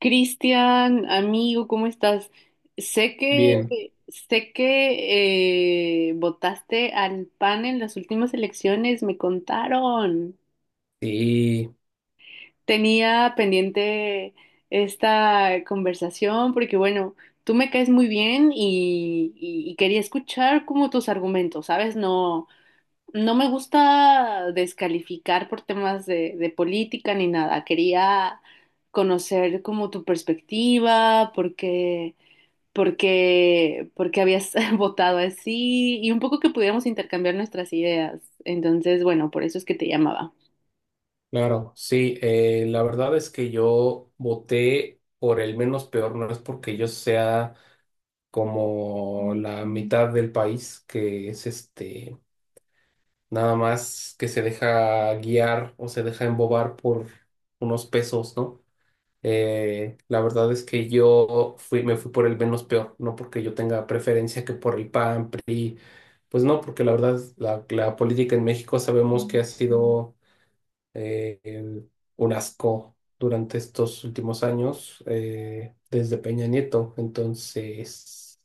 Cristian, amigo, ¿cómo estás? Sé que Bien, sé que votaste al PAN en las últimas elecciones, me contaron. sí, Tenía pendiente esta conversación porque, bueno, tú me caes muy bien y quería escuchar como tus argumentos, ¿sabes? No, no me gusta descalificar por temas de política ni nada. Quería conocer como tu perspectiva, porque habías votado así y un poco que pudiéramos intercambiar nuestras ideas. Entonces, bueno, por eso es que te llamaba. claro, sí, la verdad es que yo voté por el menos peor, no es porque yo sea como la mitad del país que es este, nada más que se deja guiar o se deja embobar por unos pesos, ¿no? La verdad es que me fui por el menos peor, no porque yo tenga preferencia que por el PAN, PRI, pues no, porque la verdad la política en México sabemos que ha sido eh, em, un asco durante estos últimos años desde Peña Nieto. Entonces,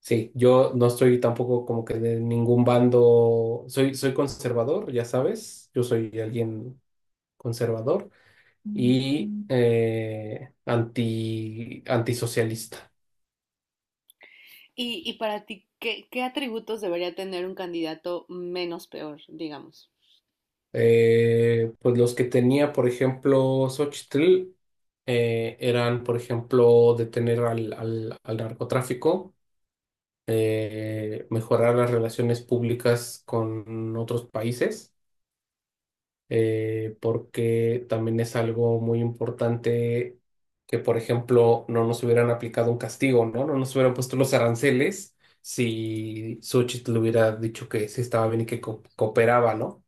sí, yo no estoy tampoco como que de ningún bando, soy conservador, ya sabes, yo soy alguien conservador y antisocialista. Y para ti, ¿ qué atributos debería tener un candidato menos peor, digamos? Pues los que tenía, por ejemplo, Xochitl, eran, por ejemplo, detener al narcotráfico, mejorar las relaciones públicas con otros países, porque también es algo muy importante que, por ejemplo, no nos hubieran aplicado un castigo, ¿no? No nos hubieran puesto los aranceles si Xochitl hubiera dicho que sí estaba bien y que cooperaba, ¿no?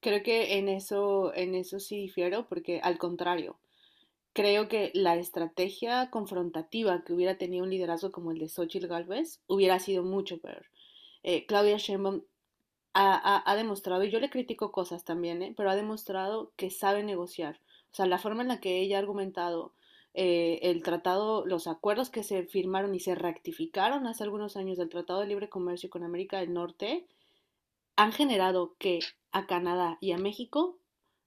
Creo que en eso sí difiero, porque al contrario, creo que la estrategia confrontativa que hubiera tenido un liderazgo como el de Xochitl Gálvez hubiera sido mucho peor. Claudia Sheinbaum ha demostrado, y yo le critico cosas también, ¿eh? Pero ha demostrado que sabe negociar. O sea, la forma en la que ella ha argumentado el tratado, los acuerdos que se firmaron y se rectificaron hace algunos años del Tratado de Libre Comercio con América del Norte, han generado que a Canadá y a México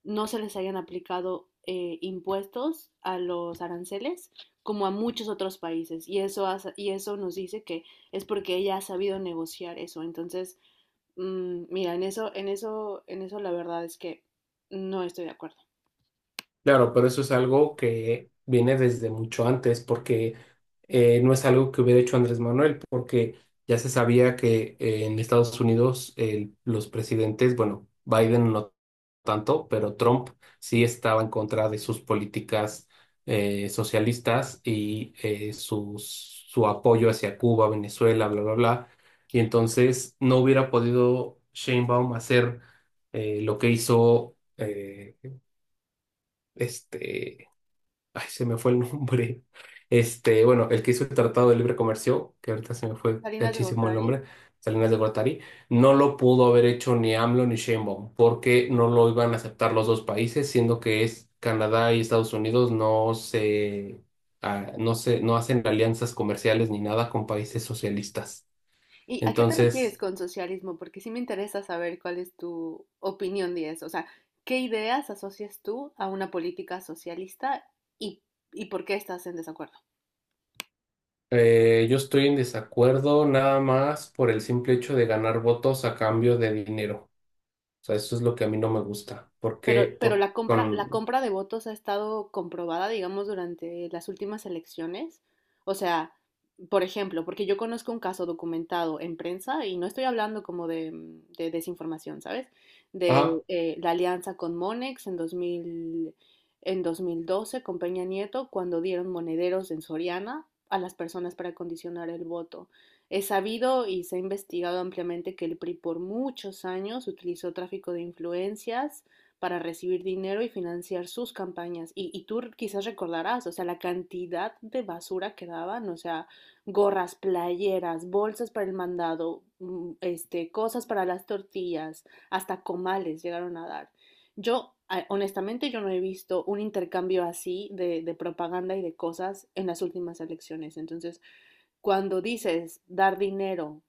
no se les hayan aplicado impuestos a los aranceles como a muchos otros países. Y eso, y eso nos dice que es porque ella ha sabido negociar eso. Entonces, mira, en eso la verdad es que no estoy de acuerdo. Claro, pero eso es algo que viene desde mucho antes, porque no es algo que hubiera hecho Andrés Manuel, porque ya se sabía que en Estados Unidos los presidentes, bueno, Biden no tanto, pero Trump sí estaba en contra de sus políticas socialistas y su apoyo hacia Cuba, Venezuela, bla, bla, bla. Y entonces no hubiera podido Sheinbaum hacer lo que hizo. Este Ay, se me fue el nombre. Bueno, el que hizo el Tratado de Libre Comercio, que ahorita se me fue Salinas de gachísimo el Gortari. nombre, Salinas de Gortari, no lo pudo haber hecho ni AMLO ni Sheinbaum, porque no lo iban a aceptar los dos países, siendo que es Canadá y Estados Unidos no se, no hacen alianzas comerciales ni nada con países socialistas. ¿Y a qué te refieres Entonces, con socialismo? Porque sí me interesa saber cuál es tu opinión de eso. O sea, ¿qué ideas asocias tú a una política socialista y, y por qué estás en desacuerdo? Yo estoy en desacuerdo nada más por el simple hecho de ganar votos a cambio de dinero. O sea, eso es lo que a mí no me gusta. Pero, Porque pero Por, la compra, la con compra de votos ha estado comprobada, digamos, durante las últimas elecciones. O sea, por ejemplo, porque yo conozco un caso documentado en prensa y no estoy hablando como de desinformación, ¿sabes? De ah, la alianza con Monex en 2012 con Peña Nieto cuando dieron monederos en Soriana a las personas para condicionar el voto. Es sabido y se ha investigado ampliamente que el PRI por muchos años utilizó tráfico de influencias para recibir dinero y financiar sus campañas. Y tú quizás recordarás, o sea, la cantidad de basura que daban, o sea, gorras, playeras, bolsas para el mandado, este, cosas para las tortillas, hasta comales llegaron a dar. Honestamente, yo no he visto un intercambio así de propaganda y de cosas en las últimas elecciones. Entonces, cuando dices dar dinero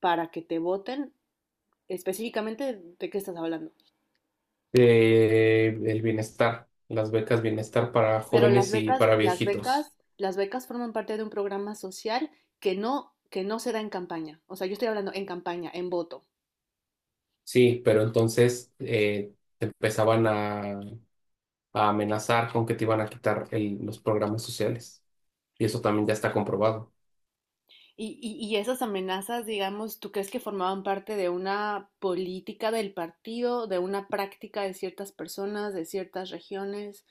para que te voten, específicamente, ¿de qué estás hablando? El bienestar, las becas bienestar para Pero las jóvenes y becas, para las viejitos. becas, las becas forman parte de un programa social que no se da en campaña. O sea, yo estoy hablando en campaña, en voto. Sí, pero entonces a amenazar con que te iban a quitar los programas sociales. Y eso también ya está comprobado. Y esas amenazas, digamos, ¿tú crees que formaban parte de una política del partido, de una práctica de ciertas personas, de ciertas regiones?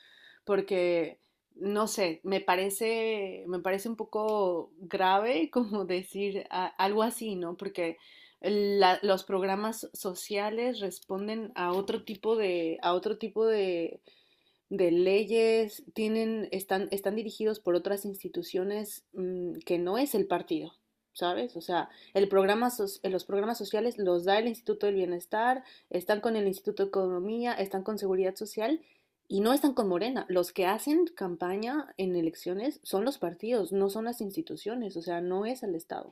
Porque, no sé, me parece un poco grave como decir algo así, ¿no? Porque los programas sociales responden a otro tipo a otro tipo de leyes, están dirigidos por otras instituciones que no es el partido, ¿sabes? O sea, el los programas sociales los da el Instituto del Bienestar, están con el Instituto de Economía, están con Seguridad Social y no están con Morena. Los que hacen campaña en elecciones son los partidos, no son las instituciones, o sea, no es el Estado.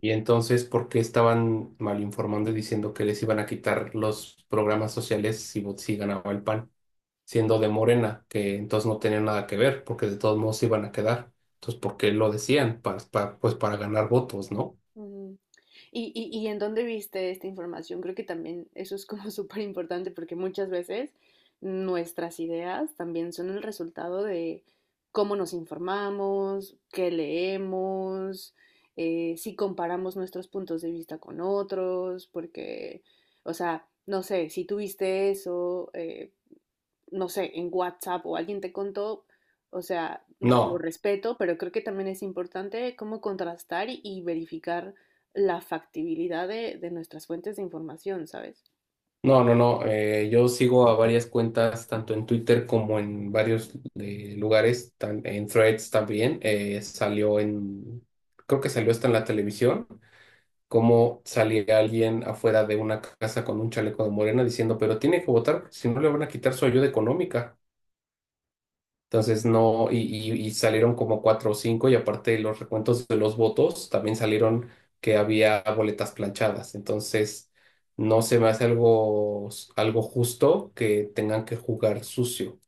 Y entonces, ¿por qué estaban mal informando y diciendo que les iban a quitar los programas sociales si, si ganaba el PAN, siendo de Morena, que entonces no tenían nada que ver, porque de todos modos se iban a quedar? Entonces, ¿por qué lo decían? Pues para ganar votos, ¿no? Ujú. ¿Y en dónde viste esta información? Creo que también eso es como súper importante porque muchas veces nuestras ideas también son el resultado de cómo nos informamos, qué leemos, si comparamos nuestros puntos de vista con otros, porque, o sea, no sé, si tú viste eso, no sé, en WhatsApp o alguien te contó, o sea, lo No, respeto, pero creo que también es importante cómo contrastar y verificar la factibilidad de nuestras fuentes de información, ¿sabes? No. Yo sigo a varias cuentas, tanto en Twitter como en varios lugares, en Threads también. Creo que salió hasta en la televisión, como salía alguien afuera de una casa con un chaleco de Morena diciendo, pero tiene que votar, porque si no le van a quitar su ayuda económica. Entonces no, y salieron como cuatro o cinco, y aparte de los recuentos de los votos también salieron que había boletas planchadas. Entonces, no se me hace algo justo que tengan que jugar sucio. O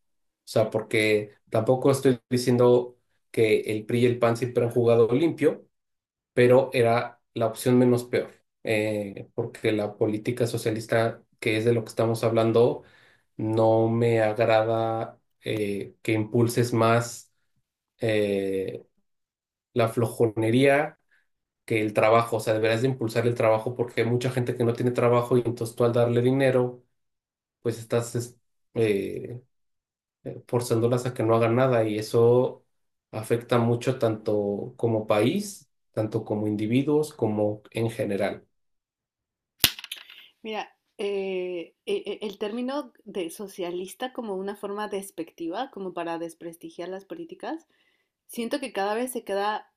sea, porque tampoco estoy diciendo que el PRI y el PAN siempre han jugado limpio, pero era la opción menos peor, porque la política socialista, que es de lo que estamos hablando, no me agrada que impulses más eh, la flojonería que el trabajo. O sea, deberás de impulsar el trabajo porque hay mucha gente que no tiene trabajo, y entonces tú, al darle dinero, pues eh, forzándolas a que no hagan nada, y eso afecta mucho tanto como país, tanto como individuos, como en general. Mira, el término de socialista como una forma despectiva, como para desprestigiar las políticas, siento que cada vez se queda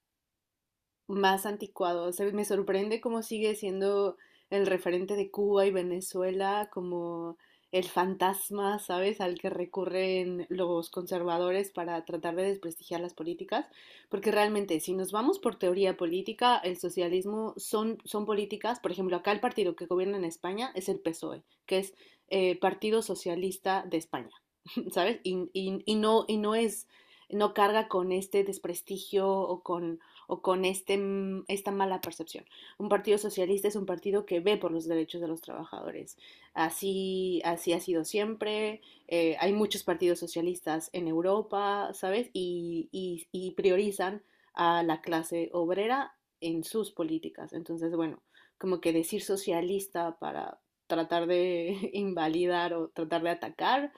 más anticuado. O sea, me sorprende cómo sigue siendo el referente de Cuba y Venezuela como el fantasma, ¿sabes?, al que recurren los conservadores para tratar de desprestigiar las políticas, porque realmente si nos vamos por teoría política, el socialismo son políticas, por ejemplo, acá el partido que gobierna en España es el PSOE, que es Partido Socialista de España, ¿sabes? Y no es, no carga con este desprestigio o con esta mala percepción. Un partido socialista es un partido que ve por los derechos de los trabajadores. Así ha sido siempre. Hay muchos partidos socialistas en Europa, ¿sabes? Y priorizan a la clase obrera en sus políticas. Entonces, bueno, como que decir socialista para tratar de invalidar o tratar de atacar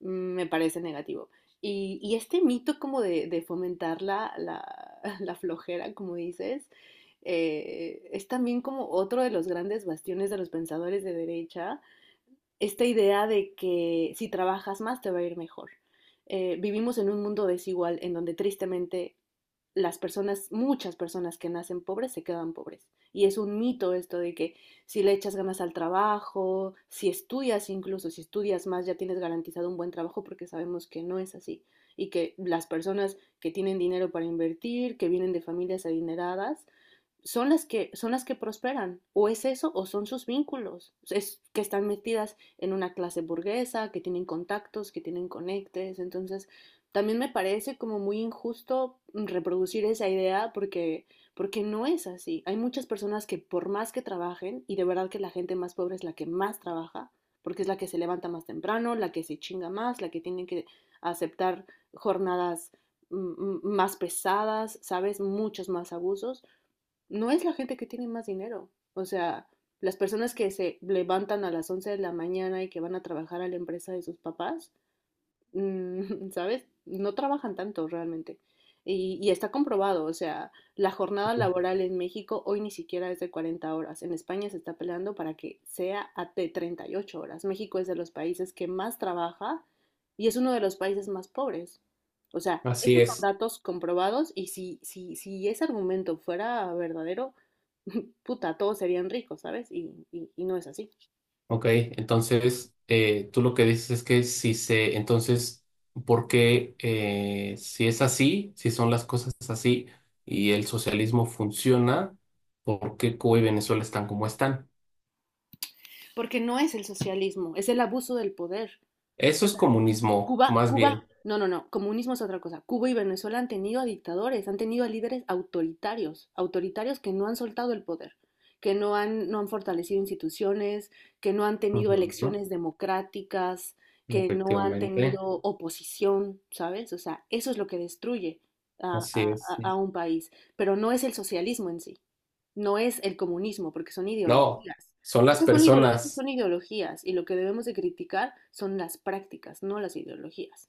me parece negativo. Y este mito como de fomentar la flojera, como dices, es también como otro de los grandes bastiones de los pensadores de derecha, esta idea de que si trabajas más te va a ir mejor. Vivimos en un mundo desigual en donde tristemente muchas personas que nacen pobres se quedan pobres. Y es un mito esto de que si le echas ganas al trabajo, si estudias incluso, si estudias más, ya tienes garantizado un buen trabajo porque sabemos que no es así. Y que las personas que tienen dinero para invertir, que vienen de familias adineradas, son las que prosperan o es eso o son sus vínculos, es que están metidas en una clase burguesa que tienen contactos, que tienen conectes, entonces también me parece como muy injusto reproducir esa idea porque no es así. Hay muchas personas que por más que trabajen, y de verdad que la gente más pobre es la que más trabaja porque es la que se levanta más temprano, la que se chinga más, la que tiene que aceptar jornadas más pesadas, ¿sabes? Muchos más abusos, no es la gente que tiene más dinero. O sea, las personas que se levantan a las 11 de la mañana y que van a trabajar a la empresa de sus papás, ¿sabes? No trabajan tanto realmente. Y está comprobado, o sea, la jornada laboral en México hoy ni siquiera es de 40 horas. En España se está peleando para que sea de 38 horas. México es de los países que más trabaja y es uno de los países más pobres. O sea, Así esos son es. datos comprobados y si ese argumento fuera verdadero, puta, todos serían ricos, ¿sabes? Y no es así. Ok, entonces, tú lo que dices es que si se, entonces, ¿por qué, si es así, si son las cosas así y el socialismo funciona, por qué Cuba y Venezuela están como están? Porque no es el socialismo, es el abuso del poder. Eso es comunismo, Cuba, más bien. Cuba, no, no, no, comunismo es otra cosa. Cuba y Venezuela han tenido a dictadores, han tenido a líderes autoritarios, autoritarios que no han soltado el poder, que no han, no han fortalecido instituciones, que no han tenido Ujú. elecciones democráticas, que no han Efectivamente, tenido oposición, ¿sabes? O sea, eso es lo que destruye a, así a- es. Sí. A un país, pero no es el socialismo en sí, no es el comunismo, porque son No, ideologías. son las Esas son, esas personas. son ideologías y lo que debemos de criticar son las prácticas, no las ideologías.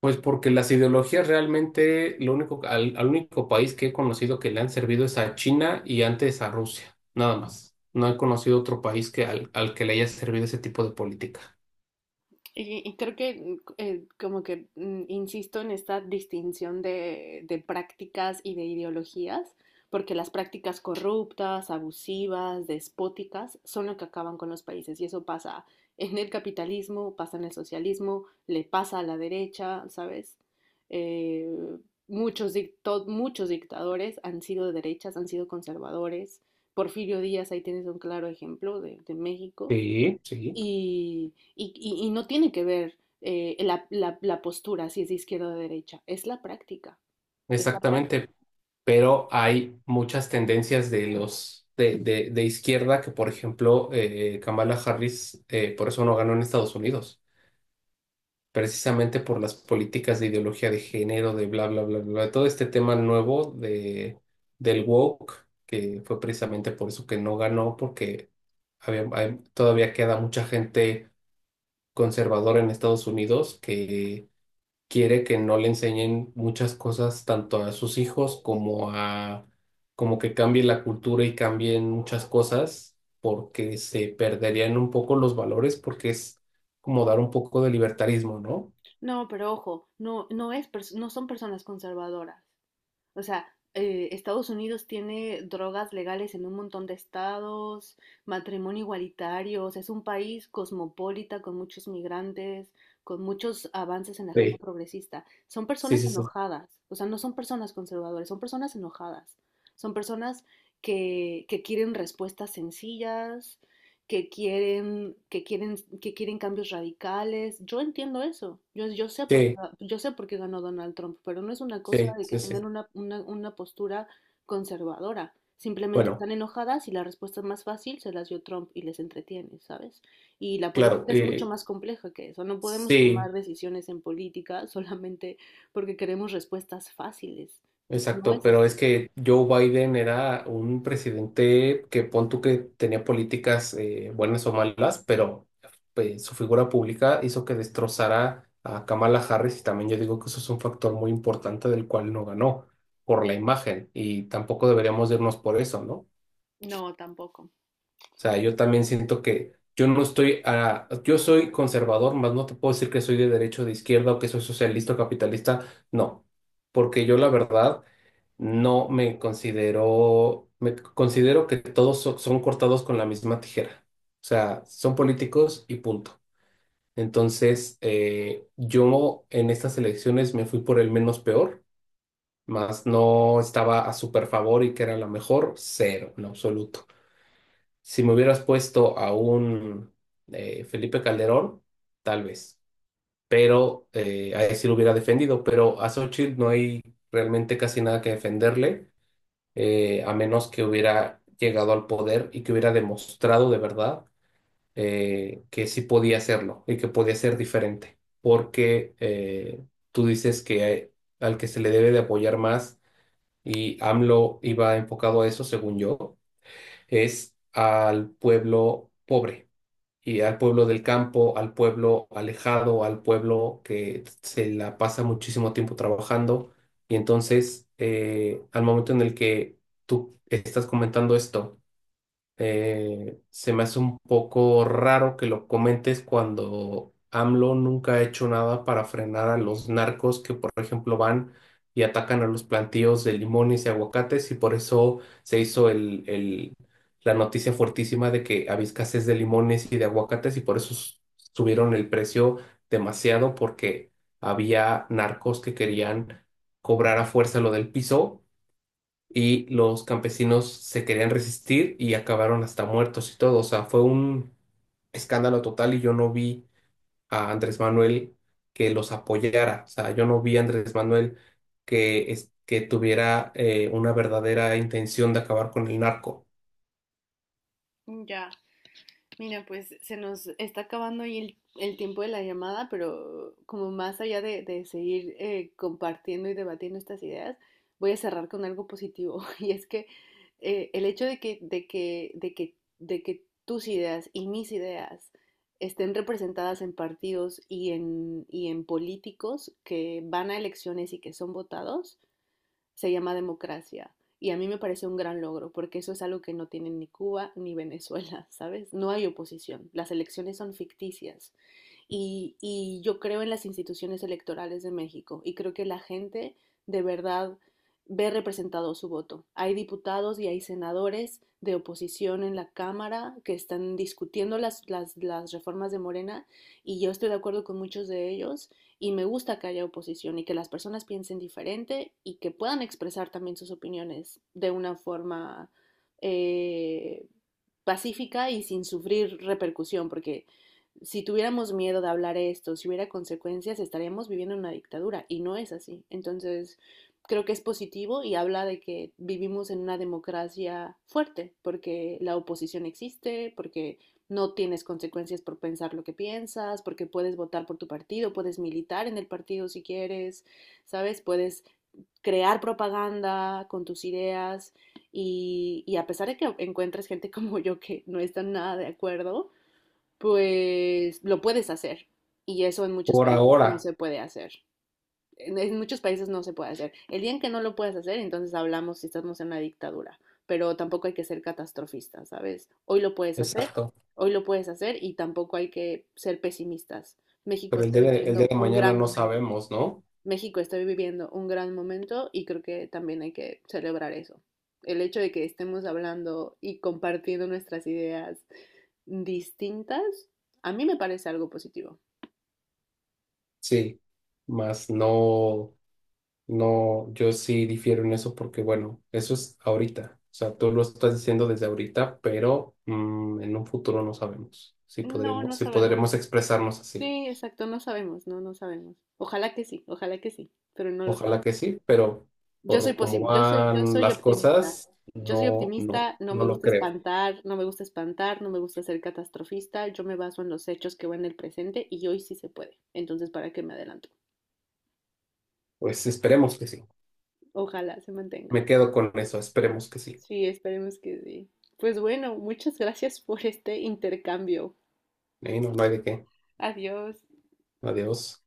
Pues porque las ideologías realmente, lo único, al único país que he conocido que le han servido es a China y antes a Rusia, nada más. No he conocido otro país que al que le haya servido ese tipo de política. Y creo que como que insisto en esta distinción de prácticas y de ideologías, porque las prácticas corruptas, abusivas, despóticas, son lo que acaban con los países. Y eso pasa en el capitalismo, pasa en el socialismo, le pasa a la derecha, ¿sabes? Eh, muchos dictadores han sido de derechas, han sido conservadores. Porfirio Díaz, ahí tienes un claro ejemplo de México Sí, sí, y no tiene que ver la postura, si es de izquierda o de derecha, es la práctica, es la práctica. exactamente. Pero hay muchas tendencias de de izquierda que, por ejemplo, Kamala Harris, por eso no ganó en Estados Unidos, precisamente por las políticas de ideología de género, de bla, bla, bla, bla, todo este tema nuevo del woke, que fue precisamente por eso que no ganó, porque todavía queda mucha gente conservadora en Estados Unidos que quiere que no le enseñen muchas cosas tanto a sus hijos como que cambie la cultura y cambien muchas cosas, porque se perderían un poco los valores, porque es como dar un poco de libertarismo, ¿no? No, pero ojo, no son personas conservadoras. O sea, Estados Unidos tiene drogas legales en un montón de estados, matrimonio igualitario, o sea, es un país cosmopolita con muchos migrantes, con muchos avances en la agenda Sí. progresista. Son Sí, personas sí, sí, enojadas, o sea, no son personas conservadoras, son personas enojadas. Son personas que quieren respuestas sencillas, que quieren cambios radicales. Yo entiendo eso. Sí, Yo sé por qué ganó Donald Trump, pero no es una cosa sí, de que sí, tengan sí. Una postura conservadora. Simplemente Bueno, están enojadas y la respuesta más fácil se las dio Trump y les entretiene, ¿sabes? Y la claro, política es mucho eh, más compleja que eso. No podemos sí, tomar decisiones en política solamente porque queremos respuestas fáciles. No exacto, es pero es así. que Joe Biden era un presidente que pon tú que tenía políticas buenas o malas, pero pues su figura pública hizo que destrozara a Kamala Harris, y también yo digo que eso es un factor muy importante del cual no ganó, por la imagen, y tampoco deberíamos irnos por eso, ¿no? No, tampoco. O sea, yo también siento que yo soy conservador, más no te puedo decir que soy de derecha o de izquierda, o que soy socialista o capitalista, no, porque yo la verdad no me considero, me considero que son cortados con la misma tijera. O sea, son políticos y punto. Entonces, yo en estas elecciones me fui por el menos peor, más no estaba a súper favor y que era la mejor, cero, en absoluto. Si me hubieras puesto a un Felipe Calderón, tal vez, pero a él sí lo hubiera defendido, pero a Xochitl no hay realmente casi nada que defenderle, a menos que hubiera llegado al poder y que hubiera demostrado de verdad que sí podía hacerlo y que podía ser diferente, porque tú dices que al que se le debe de apoyar más, y AMLO iba enfocado a eso, según yo, es al pueblo pobre y al pueblo del campo, al pueblo alejado, al pueblo que se la pasa muchísimo tiempo trabajando. Y entonces, al momento en el que tú estás comentando esto, se me hace un poco raro que lo comentes cuando AMLO nunca ha hecho nada para frenar a los narcos que, por ejemplo, van y atacan a los plantíos de limones y aguacates, y por eso se hizo la noticia fuertísima de que había escasez de limones y de aguacates, y por eso subieron el precio demasiado porque había narcos que querían cobrar a fuerza lo del piso, y los campesinos se querían resistir y acabaron hasta muertos y todo. O sea, fue un escándalo total, y yo no vi a Andrés Manuel que los apoyara. O sea, yo no vi a Andrés Manuel que, que tuviera una verdadera intención de acabar con el narco. Ya. Mira, pues se nos está acabando ahí el tiempo de la llamada, pero como más allá de seguir compartiendo y debatiendo estas ideas, voy a cerrar con algo positivo. Y es que el hecho de que tus ideas y mis ideas estén representadas en partidos y en políticos que van a elecciones y que son votados, se llama democracia. Y a mí me parece un gran logro, porque eso es algo que no tienen ni Cuba ni Venezuela, ¿sabes? No hay oposición, las elecciones son ficticias. Y yo creo en las instituciones electorales de México y creo que la gente de verdad ve representado su voto. Hay diputados y hay senadores de oposición en la Cámara que están discutiendo las reformas de Morena y yo estoy de acuerdo con muchos de ellos, y me gusta que haya oposición y que las personas piensen diferente y que puedan expresar también sus opiniones de una forma eh, pacífica y sin sufrir repercusión, porque si tuviéramos miedo de hablar esto, si hubiera consecuencias, estaríamos viviendo en una dictadura y no es así. Entonces, creo que es positivo y habla de que vivimos en una democracia fuerte, porque la oposición existe, porque no tienes consecuencias por pensar lo que piensas, porque puedes votar por tu partido, puedes militar en el partido si quieres, ¿sabes? Puedes crear propaganda con tus ideas y a pesar de que encuentres gente como yo que no está nada de acuerdo, pues lo puedes hacer. Y eso en muchos Por países no ahora, se puede hacer, en muchos países no se puede hacer. El día en que no lo puedas hacer, entonces hablamos si estamos en una dictadura, pero tampoco hay que ser catastrofistas, ¿sabes? Hoy lo puedes hacer, exacto. Y tampoco hay que ser pesimistas. México Pero el está día el día viviendo de un mañana gran no momento. sabemos, ¿no? Y creo que también hay que celebrar eso. El hecho de que estemos hablando y compartiendo nuestras ideas distintas, a mí me parece algo positivo. Sí, más no. No, yo sí difiero en eso porque, bueno, eso es ahorita. O sea, tú lo estás diciendo desde ahorita, pero mm, en un futuro no sabemos si No, podremos, no si podremos sabemos. expresarnos así. Sí, exacto, no sabemos. Ojalá que sí, pero no lo Ojalá que sabemos. sí, pero por cómo Yo van soy las optimista. cosas, No me no lo gusta creo. espantar, no me gusta ser catastrofista. Yo me baso en los hechos que van en el presente y hoy sí se puede. Entonces, ¿para qué me adelanto? Pues esperemos que sí. Ojalá se mantenga. Me quedo con eso, esperemos que sí. Sí, esperemos que sí. Pues bueno, muchas gracias por este intercambio. No, no hay de qué. Adiós. Adiós.